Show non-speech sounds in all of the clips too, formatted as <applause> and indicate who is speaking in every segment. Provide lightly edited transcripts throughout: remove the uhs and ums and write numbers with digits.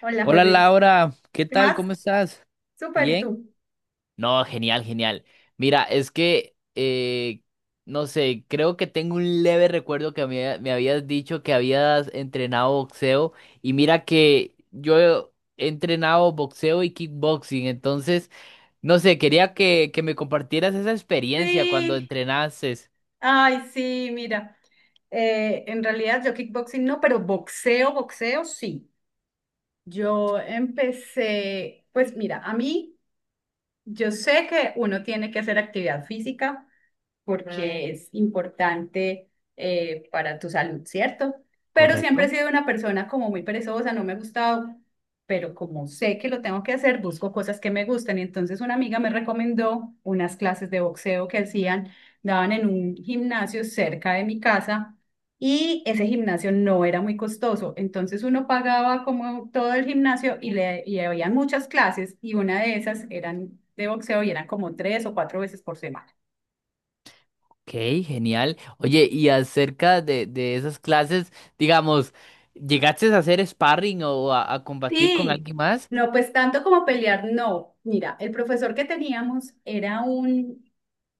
Speaker 1: Hola,
Speaker 2: Hola
Speaker 1: José.
Speaker 2: Laura, ¿qué
Speaker 1: ¿Qué
Speaker 2: tal?
Speaker 1: más?
Speaker 2: ¿Cómo estás?
Speaker 1: Súper, ¿y
Speaker 2: ¿Bien?
Speaker 1: tú?
Speaker 2: No, genial, genial. Mira, es que, no sé, creo que tengo un leve recuerdo que me habías dicho que habías entrenado boxeo y mira que yo he entrenado boxeo y kickboxing, entonces, no sé, quería que me compartieras esa experiencia cuando
Speaker 1: Sí,
Speaker 2: entrenases,
Speaker 1: ay, sí, mira, en realidad yo kickboxing no, pero boxeo, boxeo sí. Yo empecé, pues mira, a mí, yo sé que uno tiene que hacer actividad física, porque es importante para tu salud, ¿cierto? Pero siempre he
Speaker 2: ¿correcto?
Speaker 1: sido una persona como muy perezosa, no me ha gustado, pero como sé que lo tengo que hacer, busco cosas que me gustan. Y entonces una amiga me recomendó unas clases de boxeo que hacían, daban en un gimnasio cerca de mi casa. Y ese gimnasio no era muy costoso, entonces uno pagaba como todo el gimnasio y había muchas clases y una de esas eran de boxeo y eran como 3 o 4 veces por semana.
Speaker 2: Ok, genial. Oye, y acerca de esas clases, digamos, ¿llegaste a hacer sparring o a combatir con
Speaker 1: Sí,
Speaker 2: alguien más?
Speaker 1: no, pues tanto como pelear, no. Mira, el profesor que teníamos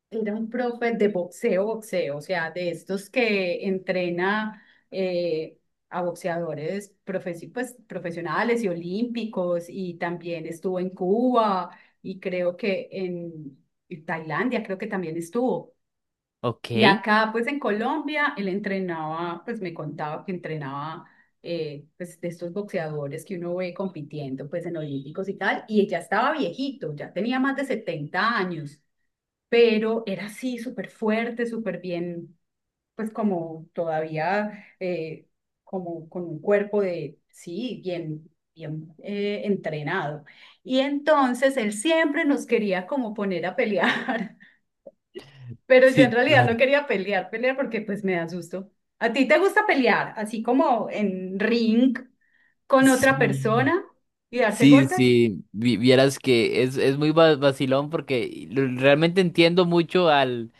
Speaker 1: era un profe de boxeo, boxeo, o sea, de estos que entrena eh, a boxeadores pues, profesionales y olímpicos, y también estuvo en Cuba y creo que en Tailandia, creo que también estuvo.
Speaker 2: Ok.
Speaker 1: Y acá, pues en Colombia, él entrenaba, pues me contaba que entrenaba, pues de estos boxeadores que uno ve compitiendo, pues en olímpicos y tal, y ya estaba viejito, ya tenía más de 70 años, pero era así, súper fuerte, súper bien, pues como todavía, como con un cuerpo de, sí, bien, bien entrenado. Y entonces él siempre nos quería como poner a pelear. Pero yo en
Speaker 2: Sí,
Speaker 1: realidad no
Speaker 2: claro.
Speaker 1: quería pelear, pelear porque pues me da susto. ¿A ti te gusta pelear, así como en ring con otra
Speaker 2: Sí.
Speaker 1: persona y darse
Speaker 2: Sí,
Speaker 1: golpes?
Speaker 2: sí, vieras que es muy vacilón porque realmente entiendo mucho al,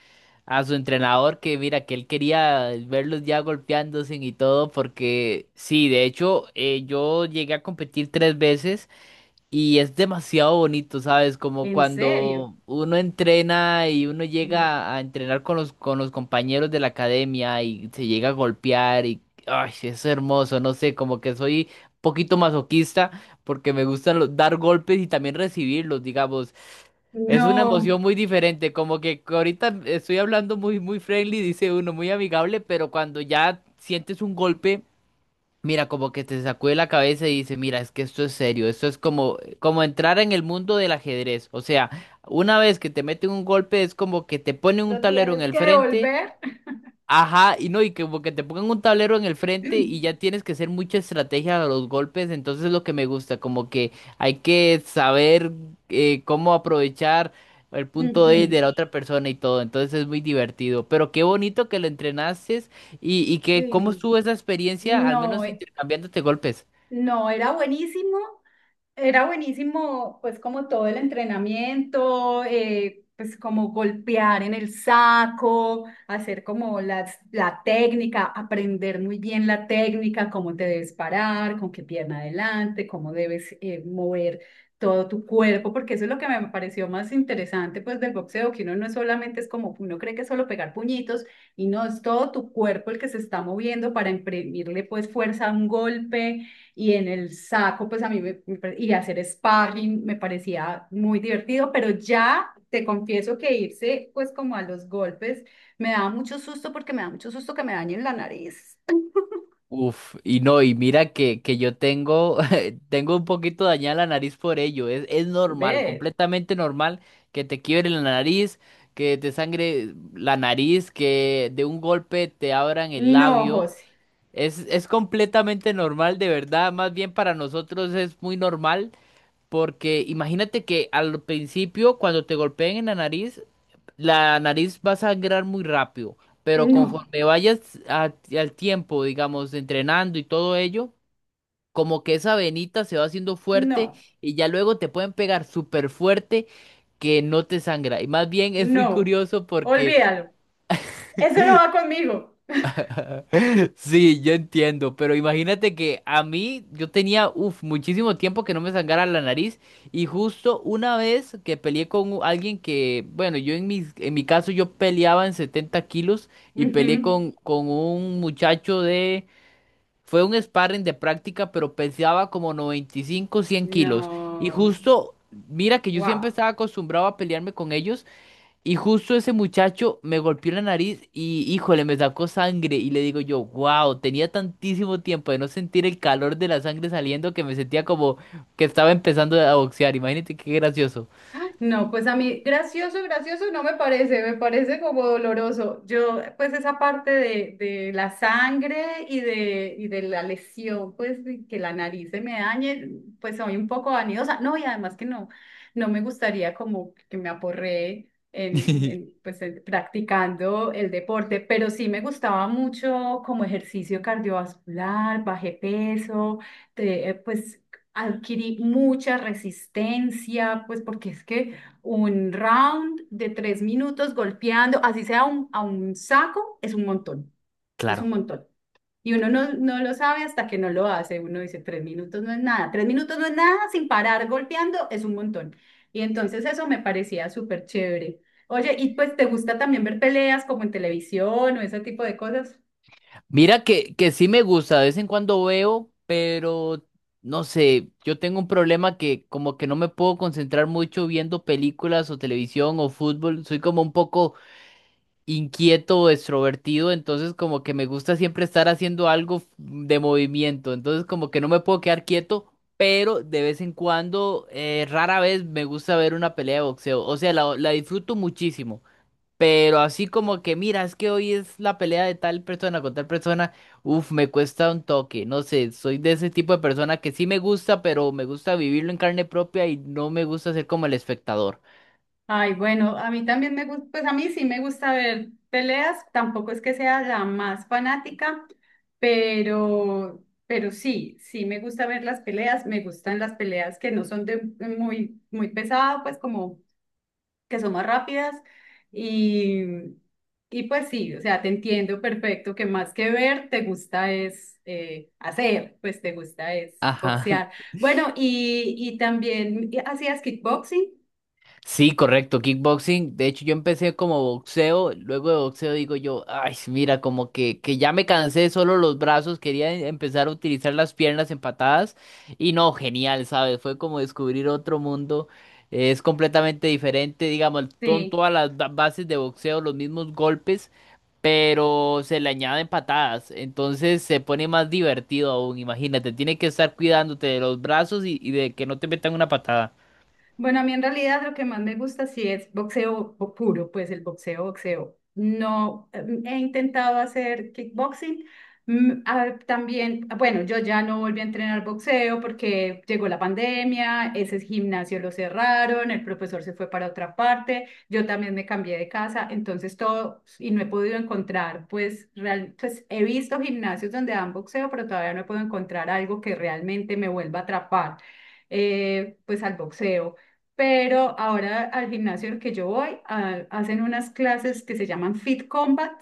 Speaker 2: a su entrenador que mira que él quería verlos ya golpeándose y todo porque sí, de hecho yo llegué a competir tres veces. Y es demasiado bonito, ¿sabes? Como
Speaker 1: ¿En serio?
Speaker 2: cuando uno entrena y uno
Speaker 1: Mm.
Speaker 2: llega a entrenar con con los compañeros de la academia y se llega a golpear y ay, es hermoso, no sé, como que soy un poquito masoquista porque me gustan dar golpes y también recibirlos, digamos. Es una
Speaker 1: No,
Speaker 2: emoción muy diferente, como que ahorita estoy hablando muy friendly, dice uno, muy amigable, pero cuando ya sientes un golpe. Mira, como que te sacude la cabeza y dice, mira, es que esto es serio, esto es como, como entrar en el mundo del ajedrez. O sea, una vez que te meten un golpe es como que te ponen un
Speaker 1: lo
Speaker 2: tablero en
Speaker 1: tienes
Speaker 2: el
Speaker 1: que
Speaker 2: frente.
Speaker 1: devolver.
Speaker 2: Ajá, y no, y que como que te pongan un tablero en el frente y ya
Speaker 1: <clears throat>
Speaker 2: tienes que hacer mucha estrategia a los golpes, entonces es lo que me gusta, como que hay que saber cómo aprovechar el punto débil
Speaker 1: Ujú.
Speaker 2: de la otra persona y todo, entonces es muy divertido, pero qué bonito que lo entrenases y que cómo
Speaker 1: Sí,
Speaker 2: estuvo esa experiencia, al
Speaker 1: no.
Speaker 2: menos intercambiándote golpes.
Speaker 1: No, era buenísimo pues como todo el entrenamiento, pues como golpear en el saco, hacer como la técnica, aprender muy bien la técnica, cómo te debes parar, con qué pierna adelante, cómo debes mover todo tu cuerpo, porque eso es lo que me pareció más interesante pues del boxeo, que uno no solamente es como, uno cree que es solo pegar puñitos y no, es todo tu cuerpo el que se está moviendo para imprimirle pues fuerza a un golpe y en el saco, pues a mí y hacer sparring me parecía muy divertido, pero ya te confieso que irse pues como a los golpes me da mucho susto porque me da mucho susto que me dañen la nariz.
Speaker 2: Uf, y no, y mira que yo tengo, <laughs> tengo un poquito dañada la nariz por ello. Es normal,
Speaker 1: Ve,
Speaker 2: completamente normal que te quiebre la nariz, que te sangre la nariz, que de un golpe te abran el
Speaker 1: no,
Speaker 2: labio.
Speaker 1: José,
Speaker 2: Es completamente normal, de verdad. Más bien para nosotros es muy normal, porque imagínate que al principio, cuando te golpeen en la nariz va a sangrar muy rápido, pero
Speaker 1: no,
Speaker 2: conforme vayas al tiempo, digamos, entrenando y todo ello, como que esa venita se va haciendo fuerte
Speaker 1: no,
Speaker 2: y ya luego te pueden pegar súper fuerte que no te sangra. Y más bien es muy
Speaker 1: no,
Speaker 2: curioso porque...
Speaker 1: olvídalo, eso no va conmigo. <laughs>
Speaker 2: Sí, yo entiendo, pero imagínate que a mí yo tenía, uf, muchísimo tiempo que no me sangrara la nariz y justo una vez que peleé con alguien que, bueno, yo en en mi caso yo peleaba en 70 kilos y peleé
Speaker 1: Ujú,
Speaker 2: con un muchacho de, fue un sparring de práctica, pero pesaba como 95-100 kilos y
Speaker 1: no,
Speaker 2: justo, mira que yo siempre
Speaker 1: wow.
Speaker 2: estaba acostumbrado a pelearme con ellos y justo ese muchacho me golpeó la nariz y, híjole, me sacó sangre. Y le digo yo, wow, tenía tantísimo tiempo de no sentir el calor de la sangre saliendo que me sentía como que estaba empezando a boxear. Imagínate qué gracioso.
Speaker 1: No, pues a mí gracioso, gracioso no me parece, me parece como doloroso. Yo, pues esa parte de la sangre y de la lesión, pues de que la nariz se me dañe, pues soy un poco vanidosa. No, y además que no me gustaría como que me aporree
Speaker 2: <laughs>
Speaker 1: practicando el deporte, pero sí me gustaba mucho como ejercicio cardiovascular, bajé peso, pues adquirí mucha resistencia, pues porque es que un round de 3 minutos golpeando, así sea a un saco, es un montón, es un
Speaker 2: Claro.
Speaker 1: montón. Y uno no, no lo sabe hasta que no lo hace. Uno dice, 3 minutos no es nada, 3 minutos no es nada, sin parar golpeando es un montón. Y entonces eso me parecía súper chévere. Oye, ¿y pues te gusta también ver peleas como en televisión o ese tipo de cosas?
Speaker 2: Mira que sí me gusta, de vez en cuando veo, pero no sé, yo tengo un problema que como que no me puedo concentrar mucho viendo películas o televisión o fútbol. Soy como un poco inquieto o extrovertido, entonces como que me gusta siempre estar haciendo algo de movimiento, entonces como que no me puedo quedar quieto, pero de vez en cuando, rara vez me gusta ver una pelea de boxeo, o sea, la disfruto muchísimo, pero así como que, mira, es que hoy es la pelea de tal persona con tal persona, uff, me cuesta un toque, no sé, soy de ese tipo de persona que sí me gusta, pero me gusta vivirlo en carne propia y no me gusta ser como el espectador.
Speaker 1: Ay, bueno, a mí también me gusta, pues a mí sí me gusta ver peleas, tampoco es que sea la más fanática, pero sí, sí me gusta ver las peleas, me gustan las peleas que no son de muy, muy pesado, pues como que son más rápidas y, y pues sí, o sea, te entiendo perfecto que más que ver, te gusta es hacer, pues te gusta es
Speaker 2: Ajá.
Speaker 1: boxear. Bueno, y también ¿hacías kickboxing?
Speaker 2: Sí, correcto, kickboxing. De hecho, yo empecé como boxeo, luego de boxeo digo yo, ay, mira, como que ya me cansé de solo los brazos, quería empezar a utilizar las piernas en patadas y no, genial, ¿sabes? Fue como descubrir otro mundo, es completamente diferente, digamos, son
Speaker 1: Sí.
Speaker 2: todas las bases de boxeo, los mismos golpes, pero se le añaden patadas, entonces se pone más divertido aún, imagínate, tiene que estar cuidándote de los brazos y de que no te metan una patada.
Speaker 1: Bueno, a mí en realidad lo que más me gusta sí es boxeo puro, pues el boxeo, boxeo. No, he intentado hacer kickboxing. Mm, a también, bueno, yo ya no volví a entrenar boxeo porque llegó la pandemia, ese gimnasio lo cerraron, el profesor se fue para otra parte, yo también me cambié de casa, entonces todo, y no he podido encontrar, pues, pues he visto gimnasios donde dan boxeo, pero todavía no he podido encontrar algo que realmente me vuelva a atrapar, pues al boxeo, pero ahora al gimnasio al que yo voy hacen unas clases que se llaman Fit Combat,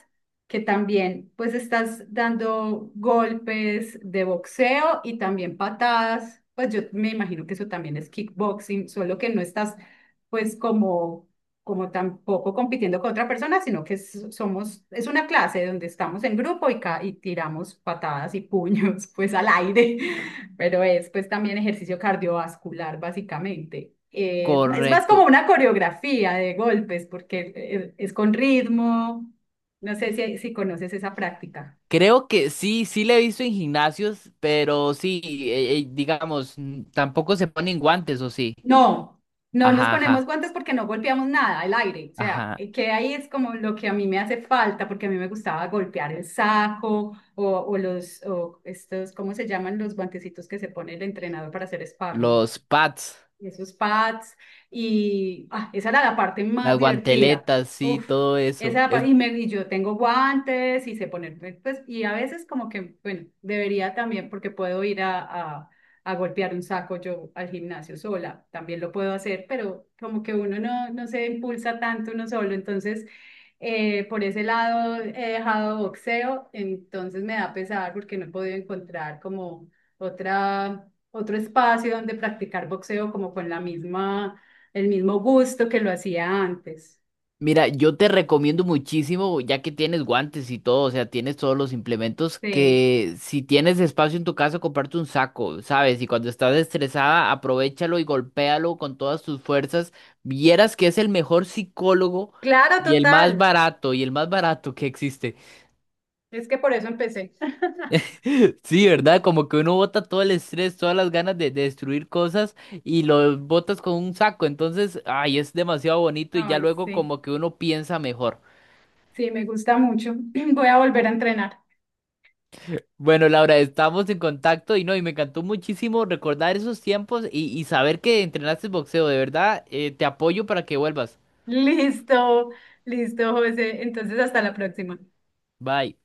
Speaker 1: que también pues estás dando golpes de boxeo y también patadas, pues yo me imagino que eso también es kickboxing, solo que no estás pues como tampoco compitiendo con otra persona, sino que somos, es una clase donde estamos en grupo y tiramos patadas y puños <laughs> pues al aire. Pero es pues también ejercicio cardiovascular, básicamente. Es más
Speaker 2: Correcto.
Speaker 1: como una coreografía de golpes, porque es, con ritmo. No sé si conoces esa práctica.
Speaker 2: Creo que sí, sí le he visto en gimnasios, pero sí, digamos, tampoco se ponen guantes, ¿o sí?
Speaker 1: No, no nos
Speaker 2: Ajá,
Speaker 1: ponemos
Speaker 2: ajá,
Speaker 1: guantes porque no golpeamos nada, el aire. O sea,
Speaker 2: ajá.
Speaker 1: que ahí es como lo que a mí me hace falta, porque a mí me gustaba golpear el saco o los, o estos, ¿cómo se llaman los guantecitos que se pone el entrenador para hacer sparring?
Speaker 2: Los pads,
Speaker 1: Y esos pads, y ah, esa era la parte más
Speaker 2: las
Speaker 1: divertida.
Speaker 2: guanteletas, sí,
Speaker 1: Uf,
Speaker 2: todo
Speaker 1: esa era
Speaker 2: eso.
Speaker 1: la parte,
Speaker 2: Es...
Speaker 1: y yo tengo guantes y sé ponerme, pues, y a veces como que, bueno, debería también porque puedo ir a, a golpear un saco yo al gimnasio sola, también lo puedo hacer, pero como que uno no, se impulsa tanto uno solo, entonces, por ese lado he dejado boxeo, entonces me da pesar porque no he podido encontrar como otro espacio donde practicar boxeo como con el mismo gusto que lo hacía antes.
Speaker 2: Mira, yo te recomiendo muchísimo, ya que tienes guantes y todo, o sea, tienes todos los implementos,
Speaker 1: Sí,
Speaker 2: que si tienes espacio en tu casa, comparte un saco, ¿sabes? Y cuando estás estresada, aprovéchalo y golpéalo con todas tus fuerzas. Vieras que es el mejor psicólogo
Speaker 1: claro,
Speaker 2: y el más
Speaker 1: total.
Speaker 2: barato, y el más barato que existe.
Speaker 1: Es que por eso empecé. <laughs>
Speaker 2: <laughs> Sí, ¿verdad? Como que uno bota todo el estrés, todas las ganas de destruir cosas y lo botas con un saco. Entonces, ay, es demasiado bonito y ya
Speaker 1: Ay,
Speaker 2: luego
Speaker 1: sí,
Speaker 2: como que uno piensa mejor.
Speaker 1: sí, me gusta mucho. <clears throat> Voy a volver a entrenar.
Speaker 2: Bueno, Laura, estamos en contacto y no, y me encantó muchísimo recordar esos tiempos y saber que entrenaste boxeo. De verdad, te apoyo para que vuelvas.
Speaker 1: <laughs> Listo, listo, José. Entonces, hasta la próxima.
Speaker 2: Bye.